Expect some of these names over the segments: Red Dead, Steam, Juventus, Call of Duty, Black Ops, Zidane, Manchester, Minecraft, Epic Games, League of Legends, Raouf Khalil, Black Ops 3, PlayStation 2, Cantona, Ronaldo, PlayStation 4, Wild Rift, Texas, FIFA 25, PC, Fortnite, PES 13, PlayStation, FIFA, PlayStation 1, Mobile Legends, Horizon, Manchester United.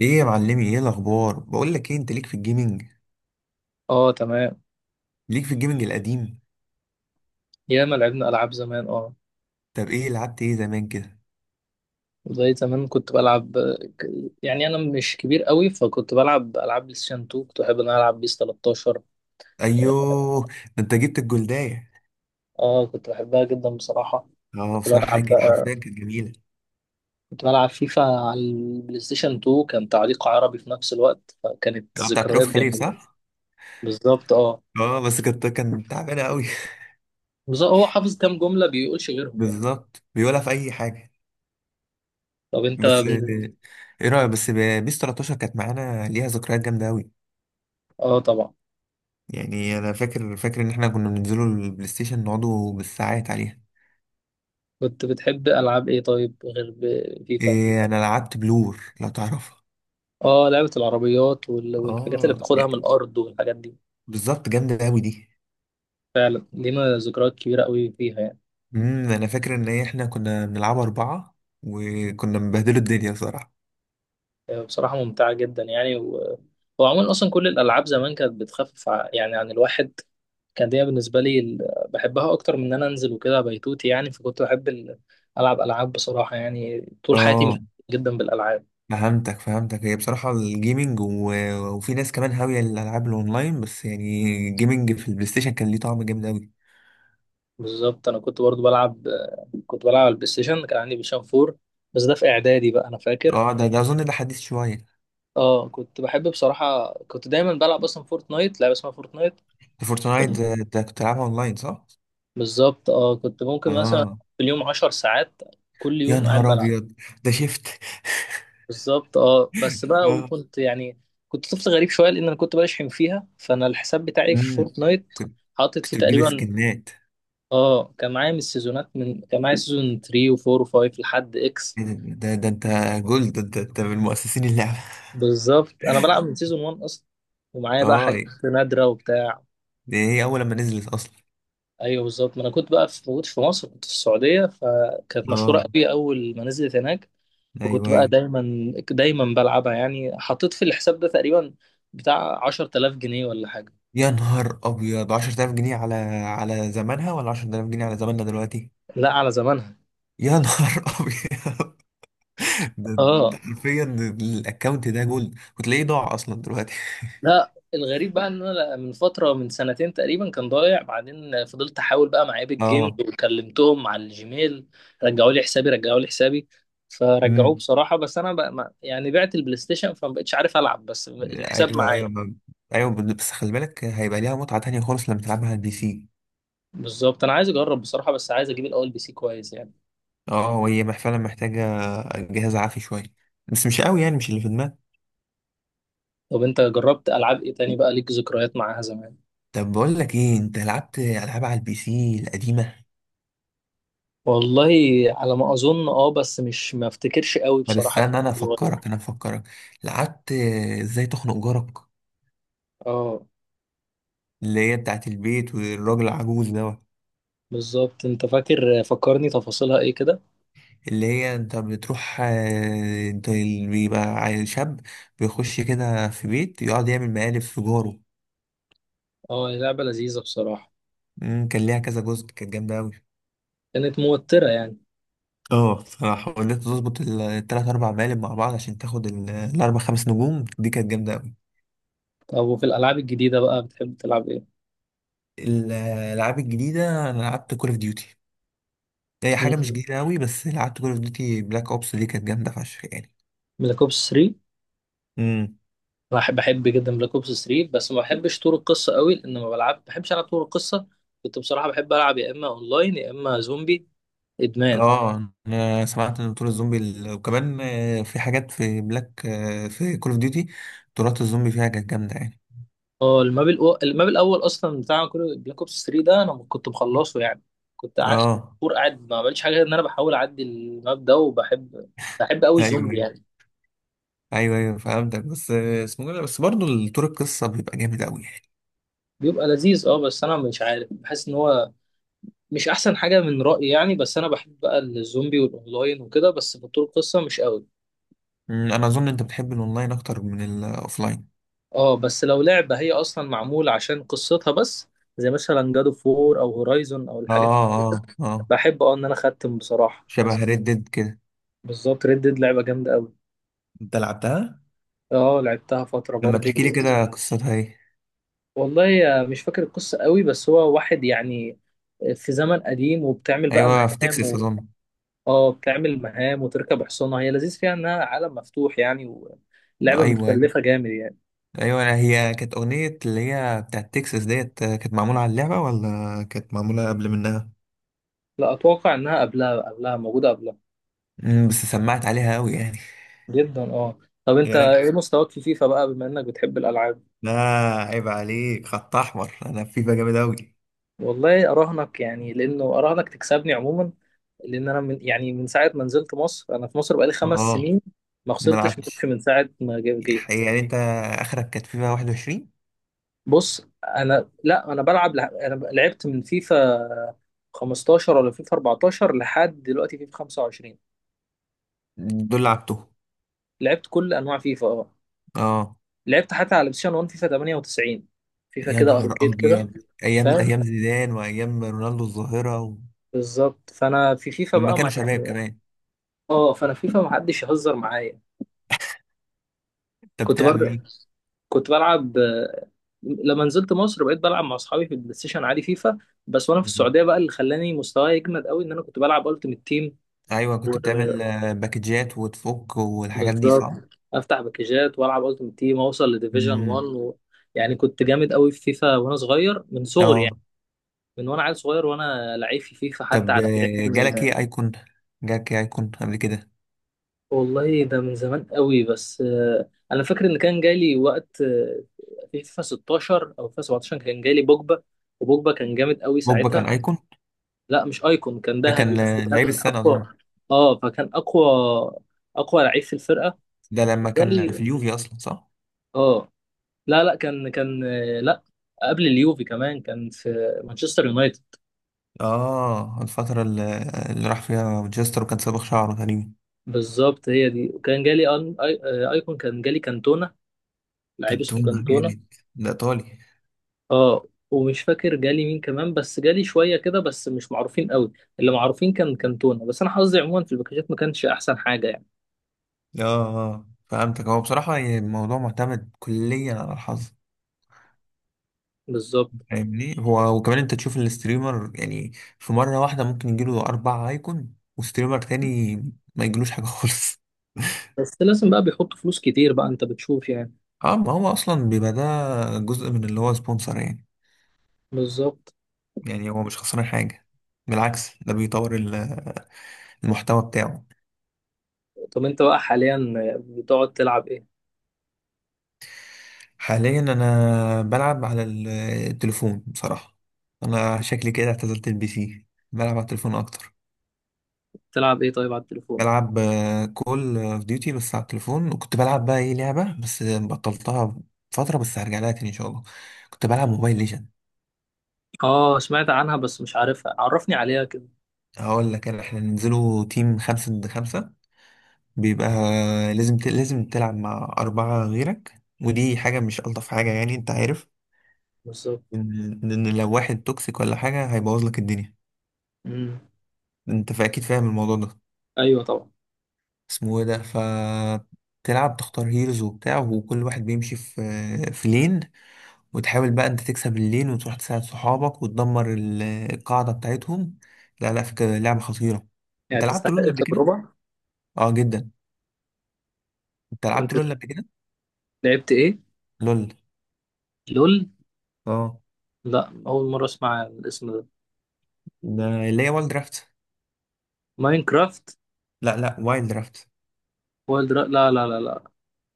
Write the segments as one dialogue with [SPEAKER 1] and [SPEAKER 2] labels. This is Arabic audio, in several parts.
[SPEAKER 1] ايه يا معلمي، ايه الاخبار؟ بقول لك ايه، انت
[SPEAKER 2] اه، تمام.
[SPEAKER 1] ليك في الجيمنج القديم.
[SPEAKER 2] ياما لعبنا العاب زمان، اه.
[SPEAKER 1] طب ايه لعبت ايه زمان كده؟
[SPEAKER 2] زي زمان كنت بلعب ك- يعني انا مش كبير قوي، فكنت بلعب العاب بلاي ستيشن 2، كنت بحب ان انا العب بيس 13.
[SPEAKER 1] ايوه، ده انت جبت الجلدايه.
[SPEAKER 2] اه كنت بحبها جدا بصراحه.
[SPEAKER 1] اه،
[SPEAKER 2] كنت
[SPEAKER 1] بصراحه هي
[SPEAKER 2] بلعب
[SPEAKER 1] كانت
[SPEAKER 2] بقى
[SPEAKER 1] حرفيا كانت جميله.
[SPEAKER 2] كنت بلعب فيفا على البلاي ستيشن 2، كان تعليق عربي في نفس الوقت، فكانت
[SPEAKER 1] ده بتاعت رؤوف
[SPEAKER 2] ذكريات
[SPEAKER 1] خليل،
[SPEAKER 2] جميله.
[SPEAKER 1] صح؟
[SPEAKER 2] بالظبط اه.
[SPEAKER 1] اه، بس كانت كان تعبانه قوي.
[SPEAKER 2] بالظبط هو حافظ كام جمله بيقولش غيرهم يعني.
[SPEAKER 1] بالظبط، بيقولها في اي حاجه.
[SPEAKER 2] طب انت
[SPEAKER 1] بس ايه رايك؟ بس بيس 13 كانت معانا، ليها ذكريات جامده قوي.
[SPEAKER 2] اه طبعا.
[SPEAKER 1] يعني انا فاكر فاكر ان احنا كنا بننزلوا البلاي ستيشن، نقعدوا بالساعات عليها.
[SPEAKER 2] كنت بتحب العاب ايه طيب غير فيفا؟
[SPEAKER 1] إيه، انا لعبت بلور لو تعرفها.
[SPEAKER 2] اه، لعبة العربيات والحاجات اللي
[SPEAKER 1] اه،
[SPEAKER 2] بتاخدها من الأرض والحاجات دي.
[SPEAKER 1] بالظبط، جامدة أوي دي.
[SPEAKER 2] فعلا لينا ذكريات كبيرة قوي فيها يعني.
[SPEAKER 1] أنا فاكر إن هي إحنا كنا بنلعبها أربعة، وكنا مبهدلوا الدنيا صراحة.
[SPEAKER 2] آه، بصراحة ممتعة جدا يعني وعموما أصلا كل الألعاب زمان كانت بتخفف يعني عن الواحد. كان دي بالنسبة لي بحبها أكتر من إن أنا أنزل وكده بيتوتي يعني، فكنت بحب ألعب ألعاب بصراحة يعني طول حياتي مش
[SPEAKER 1] اه،
[SPEAKER 2] جدا بالألعاب.
[SPEAKER 1] فهمتك فهمتك، هي بصراحة الجيمنج وفي ناس كمان هاوية الألعاب الأونلاين، بس يعني الجيمنج في البلاي ستيشن كان ليه طعم جامد أوي.
[SPEAKER 2] بالظبط أنا كنت برضو بلعب، كنت بلعب على البلاي ستيشن، كان عندي بلاي ستيشن 4. بس ده في إعدادي بقى أنا فاكر.
[SPEAKER 1] اه، ده أظن ده حديث شوية.
[SPEAKER 2] اه كنت بحب بصراحة، كنت دايما بلعب اصلا فورتنايت، لعبة اسمها فورتنايت.
[SPEAKER 1] ده فورتنايت
[SPEAKER 2] كنت
[SPEAKER 1] ده كنت بتلعبها أونلاين، صح؟
[SPEAKER 2] بالظبط اه، كنت ممكن مثلا
[SPEAKER 1] اه.
[SPEAKER 2] في اليوم 10 ساعات كل
[SPEAKER 1] يا
[SPEAKER 2] يوم قاعد
[SPEAKER 1] نهار
[SPEAKER 2] بلعب.
[SPEAKER 1] أبيض. ده شفت.
[SPEAKER 2] بالظبط اه بس بقى،
[SPEAKER 1] اه.
[SPEAKER 2] وكنت يعني كنت طفل غريب شوية لان انا كنت بشحن فيها، فانا الحساب بتاعي في
[SPEAKER 1] امم.
[SPEAKER 2] فورتنايت
[SPEAKER 1] كنت
[SPEAKER 2] حاطط فيه
[SPEAKER 1] كنت بتجيب
[SPEAKER 2] تقريبا.
[SPEAKER 1] سكنات.
[SPEAKER 2] اه كان معايا من السيزونات، من كان معايا سيزون 3 و4 و5 لحد اكس.
[SPEAKER 1] إيه ده ده أنت جولد، ده أنت من مؤسسين اللعبة.
[SPEAKER 2] بالظبط انا بلعب من سيزون 1 اصلا، ومعايا بقى
[SPEAKER 1] اه،
[SPEAKER 2] حاجات نادرة وبتاع.
[SPEAKER 1] دي هي أول لما نزلت أصلا.
[SPEAKER 2] ايوه بالظبط، ما انا كنت بقى في موجود في مصر، كنت في السعوديه، فكانت مشهوره
[SPEAKER 1] اه،
[SPEAKER 2] قوي اول ما نزلت هناك. فكنت
[SPEAKER 1] ايوه
[SPEAKER 2] بقى
[SPEAKER 1] ايوه.
[SPEAKER 2] دايما دايما بلعبها يعني، حطيت في الحساب ده تقريبا بتاع 10000 جنيه ولا حاجه.
[SPEAKER 1] يا نهار أبيض، عشرة آلاف جنيه على على زمانها ولا عشرة آلاف جنيه على زماننا دلوقتي؟
[SPEAKER 2] لا، على زمانها.
[SPEAKER 1] يا نهار أبيض. ده
[SPEAKER 2] اه،
[SPEAKER 1] ده حرفيا الأكونت ده جولد، وتلاقيه ضاع أصلا دلوقتي.
[SPEAKER 2] لا الغريب بقى ان انا من فتره من سنتين تقريبا كان ضايع، بعدين فضلت احاول بقى مع ايبك جيمز،
[SPEAKER 1] اه.
[SPEAKER 2] وكلمتهم على الجيميل. رجعوا لي حسابي، رجعوا لي حسابي. فرجعوه
[SPEAKER 1] امم.
[SPEAKER 2] بصراحه، بس انا بقى ما يعني بعت البلاي ستيشن، فما بقتش عارف العب، بس الحساب
[SPEAKER 1] ايوه ايوه
[SPEAKER 2] معايا.
[SPEAKER 1] ايوه، بس خلي بالك، هيبقى ليها متعه تانية خالص لما تلعبها على البي سي.
[SPEAKER 2] بالظبط انا عايز اجرب بصراحه، بس عايز اجيب الاول بي سي كويس يعني.
[SPEAKER 1] اه، وهي فعلا محتاجه جهاز عافي شويه، بس مش قوي يعني، مش اللي في دماغك.
[SPEAKER 2] طب انت جربت العاب ايه تاني بقى ليك ذكريات معاها زمان؟
[SPEAKER 1] طب بقول لك ايه، انت لعبت العاب على البي سي القديمه؟
[SPEAKER 2] والله على ما اظن اه، بس مش ما افتكرش قوي
[SPEAKER 1] طب
[SPEAKER 2] بصراحه،
[SPEAKER 1] استنى، انا
[SPEAKER 2] كنت صغير.
[SPEAKER 1] افكرك انا افكرك. لعبت ازاي تخنق جارك،
[SPEAKER 2] اه
[SPEAKER 1] اللي هي بتاعت البيت والراجل العجوز دوت،
[SPEAKER 2] بالظبط، انت فاكر فكرني تفاصيلها ايه كده.
[SPEAKER 1] اللي هي انت بتروح، انت اللي بيبقى عيل شاب بيخش كده في بيت، يقعد يعمل مقالب في جاره.
[SPEAKER 2] اه هي لعبه لذيذه بصراحه.
[SPEAKER 1] كان ليها كذا جزء، كانت جامدة أوي.
[SPEAKER 2] كانت موتره يعني.
[SPEAKER 1] اه بصراحة، وإن أنت تظبط التلات أربع مقالب مع بعض عشان تاخد الأربع خمس نجوم دي، كانت جامدة أوي.
[SPEAKER 2] طب وفي الالعاب الجديده بقى بتحب تلعب ايه؟
[SPEAKER 1] الألعاب الجديدة أنا لعبت كول أوف ديوتي. هي حاجة مش
[SPEAKER 2] مم.
[SPEAKER 1] جديدة أوي، بس لعبت كول أوف ديوتي بلاك أوبس، دي كانت جامدة فشخ يعني.
[SPEAKER 2] بلاك اوبس 3.
[SPEAKER 1] امم.
[SPEAKER 2] بحب جدا بلاك اوبس 3، بس ما بحبش طور القصه قوي، لان ما بلعب بحبش العب طور القصه. كنت بصراحه بحب العب يا اما اونلاين يا اما زومبي ادمان.
[SPEAKER 1] اه، انا سمعت ان طور الزومبي وكمان، في حاجات في بلاك، في كول اوف ديوتي طورات الزومبي فيها كانت جامده يعني.
[SPEAKER 2] اه، الماب الاول اصلا بتاع كل بلاك اوبس 3 ده انا كنت مخلصه يعني. كنت قعدت
[SPEAKER 1] اه،
[SPEAKER 2] شهور قاعد ما بعملش حاجه غير ان انا بحاول اعدي الماب ده، بحب قوي
[SPEAKER 1] ايوه
[SPEAKER 2] الزومبي
[SPEAKER 1] ايوه.
[SPEAKER 2] يعني.
[SPEAKER 1] ايوه ايوه فهمتك، بس اسمه إيه ده؟ بس برضه طور القصه بيبقى جامد قوي يعني.
[SPEAKER 2] بيبقى لذيذ اه، بس انا مش عارف، بحس ان هو مش احسن حاجه من رايي يعني، بس انا بحب بقى الزومبي والاونلاين وكده، بس في طول القصه مش قوي.
[SPEAKER 1] انا اظن انت بتحب الاونلاين اكتر من الاوفلاين.
[SPEAKER 2] اه بس لو لعبه هي اصلا معموله عشان قصتها بس، زي مثلا جادو فور او هورايزون او
[SPEAKER 1] اه.
[SPEAKER 2] الحاجات،
[SPEAKER 1] اه، اه،
[SPEAKER 2] بحب اه ان انا اختم بصراحه.
[SPEAKER 1] شبه ريد ديد كده.
[SPEAKER 2] بالظبط، ريد ديد لعبه جامده قوي.
[SPEAKER 1] انت لعبتها؟
[SPEAKER 2] اه لعبتها فترة
[SPEAKER 1] لما
[SPEAKER 2] برضو.
[SPEAKER 1] تحكي لي كده قصتها ايه؟
[SPEAKER 2] والله آه، مش فاكر القصة قوي، بس هو واحد يعني في زمن قديم، وبتعمل بقى
[SPEAKER 1] ايوه، في
[SPEAKER 2] مهام
[SPEAKER 1] تكساس اظن.
[SPEAKER 2] اه بتعمل مهام وتركب حصانة، هي لذيذ فيها انها عالم مفتوح يعني، ولعبة
[SPEAKER 1] ايوه
[SPEAKER 2] متكلفة جامد يعني.
[SPEAKER 1] ايوه هي كانت اغنيه اللي هي بتاعت تكساس ديت، كانت معموله على اللعبه ولا كانت معموله قبل منها؟
[SPEAKER 2] لا، اتوقع انها قبلها، موجودة قبلها.
[SPEAKER 1] بس سمعت عليها قوي يعني.
[SPEAKER 2] جدا اه. طب انت
[SPEAKER 1] يا راجل،
[SPEAKER 2] ايه مستواك في فيفا بقى بما انك بتحب الالعاب؟
[SPEAKER 1] لا، عيب عليك، خط احمر، انا في فيفا جامد اوي.
[SPEAKER 2] والله اراهنك يعني لانه اراهنك تكسبني عموما، لان انا من يعني من ساعة ما نزلت مصر، انا في مصر بقالي خمس
[SPEAKER 1] اه
[SPEAKER 2] سنين ما
[SPEAKER 1] ما
[SPEAKER 2] خسرتش ماتش
[SPEAKER 1] لعبتش
[SPEAKER 2] من ساعة ما جيت.
[SPEAKER 1] يعني. انت اخرك كانت فيفا 21.
[SPEAKER 2] بص انا لا انا بلعب انا لعبت من فيفا 15 ولا فيفا 14 لحد دلوقتي فيفا 25.
[SPEAKER 1] دول لعبتهم.
[SPEAKER 2] لعبت كل انواع فيفا اه.
[SPEAKER 1] اه.
[SPEAKER 2] لعبت حتى على بلاي 1 فيفا 98 فيفا
[SPEAKER 1] يا
[SPEAKER 2] كده
[SPEAKER 1] نهار
[SPEAKER 2] اركيد كده.
[SPEAKER 1] ابيض، ايام
[SPEAKER 2] فاهم.
[SPEAKER 1] ايام زيدان وايام رونالدو الظاهره
[SPEAKER 2] بالظبط فانا في فيفا
[SPEAKER 1] لما
[SPEAKER 2] بقى
[SPEAKER 1] كانوا
[SPEAKER 2] ما
[SPEAKER 1] شباب
[SPEAKER 2] يعني
[SPEAKER 1] كمان.
[SPEAKER 2] اه فانا فيفا ما حدش يهزر معايا.
[SPEAKER 1] انت
[SPEAKER 2] كنت
[SPEAKER 1] بتلعب
[SPEAKER 2] برضه
[SPEAKER 1] بيه.
[SPEAKER 2] كنت بلعب آه، لما نزلت مصر بقيت بلعب مع اصحابي في البلاي ستيشن عادي فيفا بس. وانا في
[SPEAKER 1] مهم.
[SPEAKER 2] السعوديه بقى، اللي خلاني مستواي يجمد قوي ان انا كنت بلعب التيمت تيم.
[SPEAKER 1] ايوه، كنت بتعمل، باكجات وتفك والحاجات دي،
[SPEAKER 2] بالظبط،
[SPEAKER 1] صح؟
[SPEAKER 2] افتح باكجات والعب التيم تيم اوصل لديفيجن 1
[SPEAKER 1] مم.
[SPEAKER 2] يعني كنت جامد قوي في فيفا وانا صغير، من صغري يعني
[SPEAKER 1] اه
[SPEAKER 2] من وانا عيل صغير وانا لعيب في فيفا حتى
[SPEAKER 1] طب
[SPEAKER 2] على جيران
[SPEAKER 1] جالك
[SPEAKER 2] ولا.
[SPEAKER 1] ايه ايكون؟ جالك ايه ايكون قبل كده؟
[SPEAKER 2] والله ده من زمان قوي، بس آه، انا فاكر ان كان جالي وقت آه، في فيفا 16 او فيفا 17 كان جالي بوجبا. وبوجبا كان جامد قوي
[SPEAKER 1] بوجبا كان
[SPEAKER 2] ساعتها.
[SPEAKER 1] ايكون؟
[SPEAKER 2] لا مش ايكون، كان
[SPEAKER 1] ده
[SPEAKER 2] ذهبي
[SPEAKER 1] كان،
[SPEAKER 2] بس
[SPEAKER 1] لعيب
[SPEAKER 2] كان
[SPEAKER 1] السنة اظن.
[SPEAKER 2] اقوى. اه فكان اقوى، اقوى لعيب في الفرقه.
[SPEAKER 1] ده لما كان
[SPEAKER 2] جالي
[SPEAKER 1] في اليوفي اصلا، صح؟
[SPEAKER 2] اه. لا لا، كان لا قبل اليوفي كمان كان في مانشستر يونايتد.
[SPEAKER 1] اه، الفترة اللي راح فيها مانشستر، وكان صابغ شعره تقريبا.
[SPEAKER 2] بالظبط هي دي، وكان جالي ايكون، كان جالي كانتونا، لعيب
[SPEAKER 1] كان
[SPEAKER 2] اسمه
[SPEAKER 1] تونة
[SPEAKER 2] كانتونا.
[SPEAKER 1] جامد. ده ايطالي.
[SPEAKER 2] اه ومش فاكر جالي مين كمان، بس جالي شويه كده بس مش معروفين قوي. اللي معروفين كان كانتونا. بس انا حظي عموما في الباكجات ما كانش احسن حاجه يعني.
[SPEAKER 1] اه، فهمتك، هو بصراحة يعني الموضوع معتمد كليا على الحظ.
[SPEAKER 2] بالظبط.
[SPEAKER 1] فاهمني؟ هو وكمان انت تشوف الستريمر يعني، في مرة واحدة ممكن يجيله اربع ايكون، وستريمر تاني ما يجيلوش حاجة خالص.
[SPEAKER 2] بس لازم بقى بيحطوا فلوس كتير بقى انت بتشوف يعني.
[SPEAKER 1] اه. ما هو اصلا بيبقى ده جزء من اللي هو سبونسر يعني.
[SPEAKER 2] بالظبط.
[SPEAKER 1] يعني هو مش خسران حاجة، بالعكس، ده بيطور المحتوى بتاعه.
[SPEAKER 2] طب انت بقى حاليا بتقعد تلعب ايه؟
[SPEAKER 1] حاليا انا بلعب على التليفون بصراحة. انا شكلي كده اعتزلت البي سي. بلعب على التليفون اكتر.
[SPEAKER 2] تلعب ايه طيب على التليفون؟
[SPEAKER 1] بلعب كول اوف ديوتي بس على التليفون، وكنت بلعب بقى ايه، لعبة بس بطلتها فترة، بس هرجع لها تاني ان شاء الله. كنت بلعب موبايل ليجند.
[SPEAKER 2] اه سمعت عنها بس مش عارفها، عرفني عليها كده.
[SPEAKER 1] هقول لك انا، احنا ننزلوا تيم خمسة ضد خمسة، بيبقى لازم لازم تلعب مع أربعة غيرك، ودي حاجة مش ألطف حاجة يعني، أنت عارف
[SPEAKER 2] بالظبط.
[SPEAKER 1] إن لو واحد توكسيك ولا حاجة هيبوظ لك الدنيا.
[SPEAKER 2] امم.
[SPEAKER 1] أنت أكيد فاهم الموضوع ده.
[SPEAKER 2] ايوه طبعا.
[SPEAKER 1] اسمه إيه ده؟ تلعب، تختار هيروز وبتاع، وكل واحد بيمشي في لين، وتحاول بقى أنت تكسب اللين، وتروح تساعد صحابك، وتدمر القاعدة بتاعتهم. لا لا، فكرة لعبة خطيرة.
[SPEAKER 2] يعني
[SPEAKER 1] أنت لعبت
[SPEAKER 2] تستحق
[SPEAKER 1] لول قبل كده؟
[SPEAKER 2] التجربه.
[SPEAKER 1] أه جدا. أنت
[SPEAKER 2] كنت.
[SPEAKER 1] لعبت لول قبل كده؟
[SPEAKER 2] لعبت ايه؟
[SPEAKER 1] لول.
[SPEAKER 2] لول.
[SPEAKER 1] أه.
[SPEAKER 2] لا اول مره اسمع الاسم ده.
[SPEAKER 1] ده اللي هي والد درافت.
[SPEAKER 2] ماينكرافت.
[SPEAKER 1] لا لا، وايلد رافت.
[SPEAKER 2] لا لا لا لا.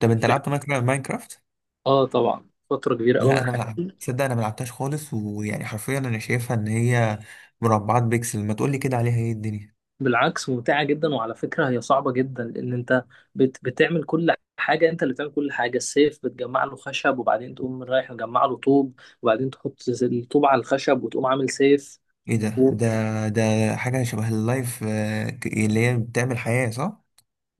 [SPEAKER 1] طب انت
[SPEAKER 2] لعبت
[SPEAKER 1] لعبت ماينكرافت ماينكرافت؟
[SPEAKER 2] اه طبعا، فتره كبيره قوي
[SPEAKER 1] لا،
[SPEAKER 2] من
[SPEAKER 1] انا ملعب،
[SPEAKER 2] حياتي.
[SPEAKER 1] تصدق انا ملعبتهاش خالص، ويعني حرفيا انا شايفها ان هي مربعات بيكسل، ما تقولي كده عليها ايه الدنيا.
[SPEAKER 2] بالعكس ممتعه جدا، وعلى فكره هي صعبه جدا لان انت بتعمل كل حاجه، انت اللي بتعمل كل حاجه، السيف بتجمع له خشب، وبعدين تقوم رايح مجمع له طوب، وبعدين تحط الطوب على الخشب وتقوم عامل سيف.
[SPEAKER 1] ايه ده ده حاجه شبه اللايف، اللي هي بتعمل حياه، صح؟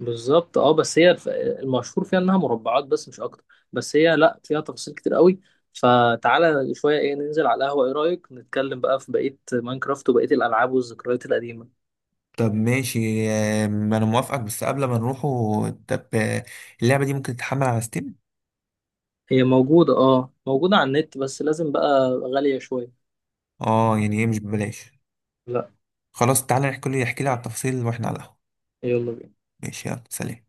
[SPEAKER 2] بالظبط اه، بس هي المشهور فيها انها مربعات بس مش اكتر. بس هي لا، فيها تفاصيل كتير قوي. فتعالى شويه، ايه ننزل على القهوه، ايه رايك نتكلم بقى في بقيه ماينكرافت وبقيه الالعاب والذكريات القديمه.
[SPEAKER 1] طب ماشي، انا موافقك، بس قبل ما نروحوا، طب اللعبه دي ممكن تتحمل على ستيم؟
[SPEAKER 2] هي موجوده اه، موجوده على النت بس لازم بقى غاليه شويه.
[SPEAKER 1] اه، يعني ايه، مش ببلاش؟
[SPEAKER 2] لا.
[SPEAKER 1] خلاص تعالى نحكي لي، احكي لي على التفاصيل واحنا على القهوه.
[SPEAKER 2] يلا بينا.
[SPEAKER 1] ماشي، يلا سلام.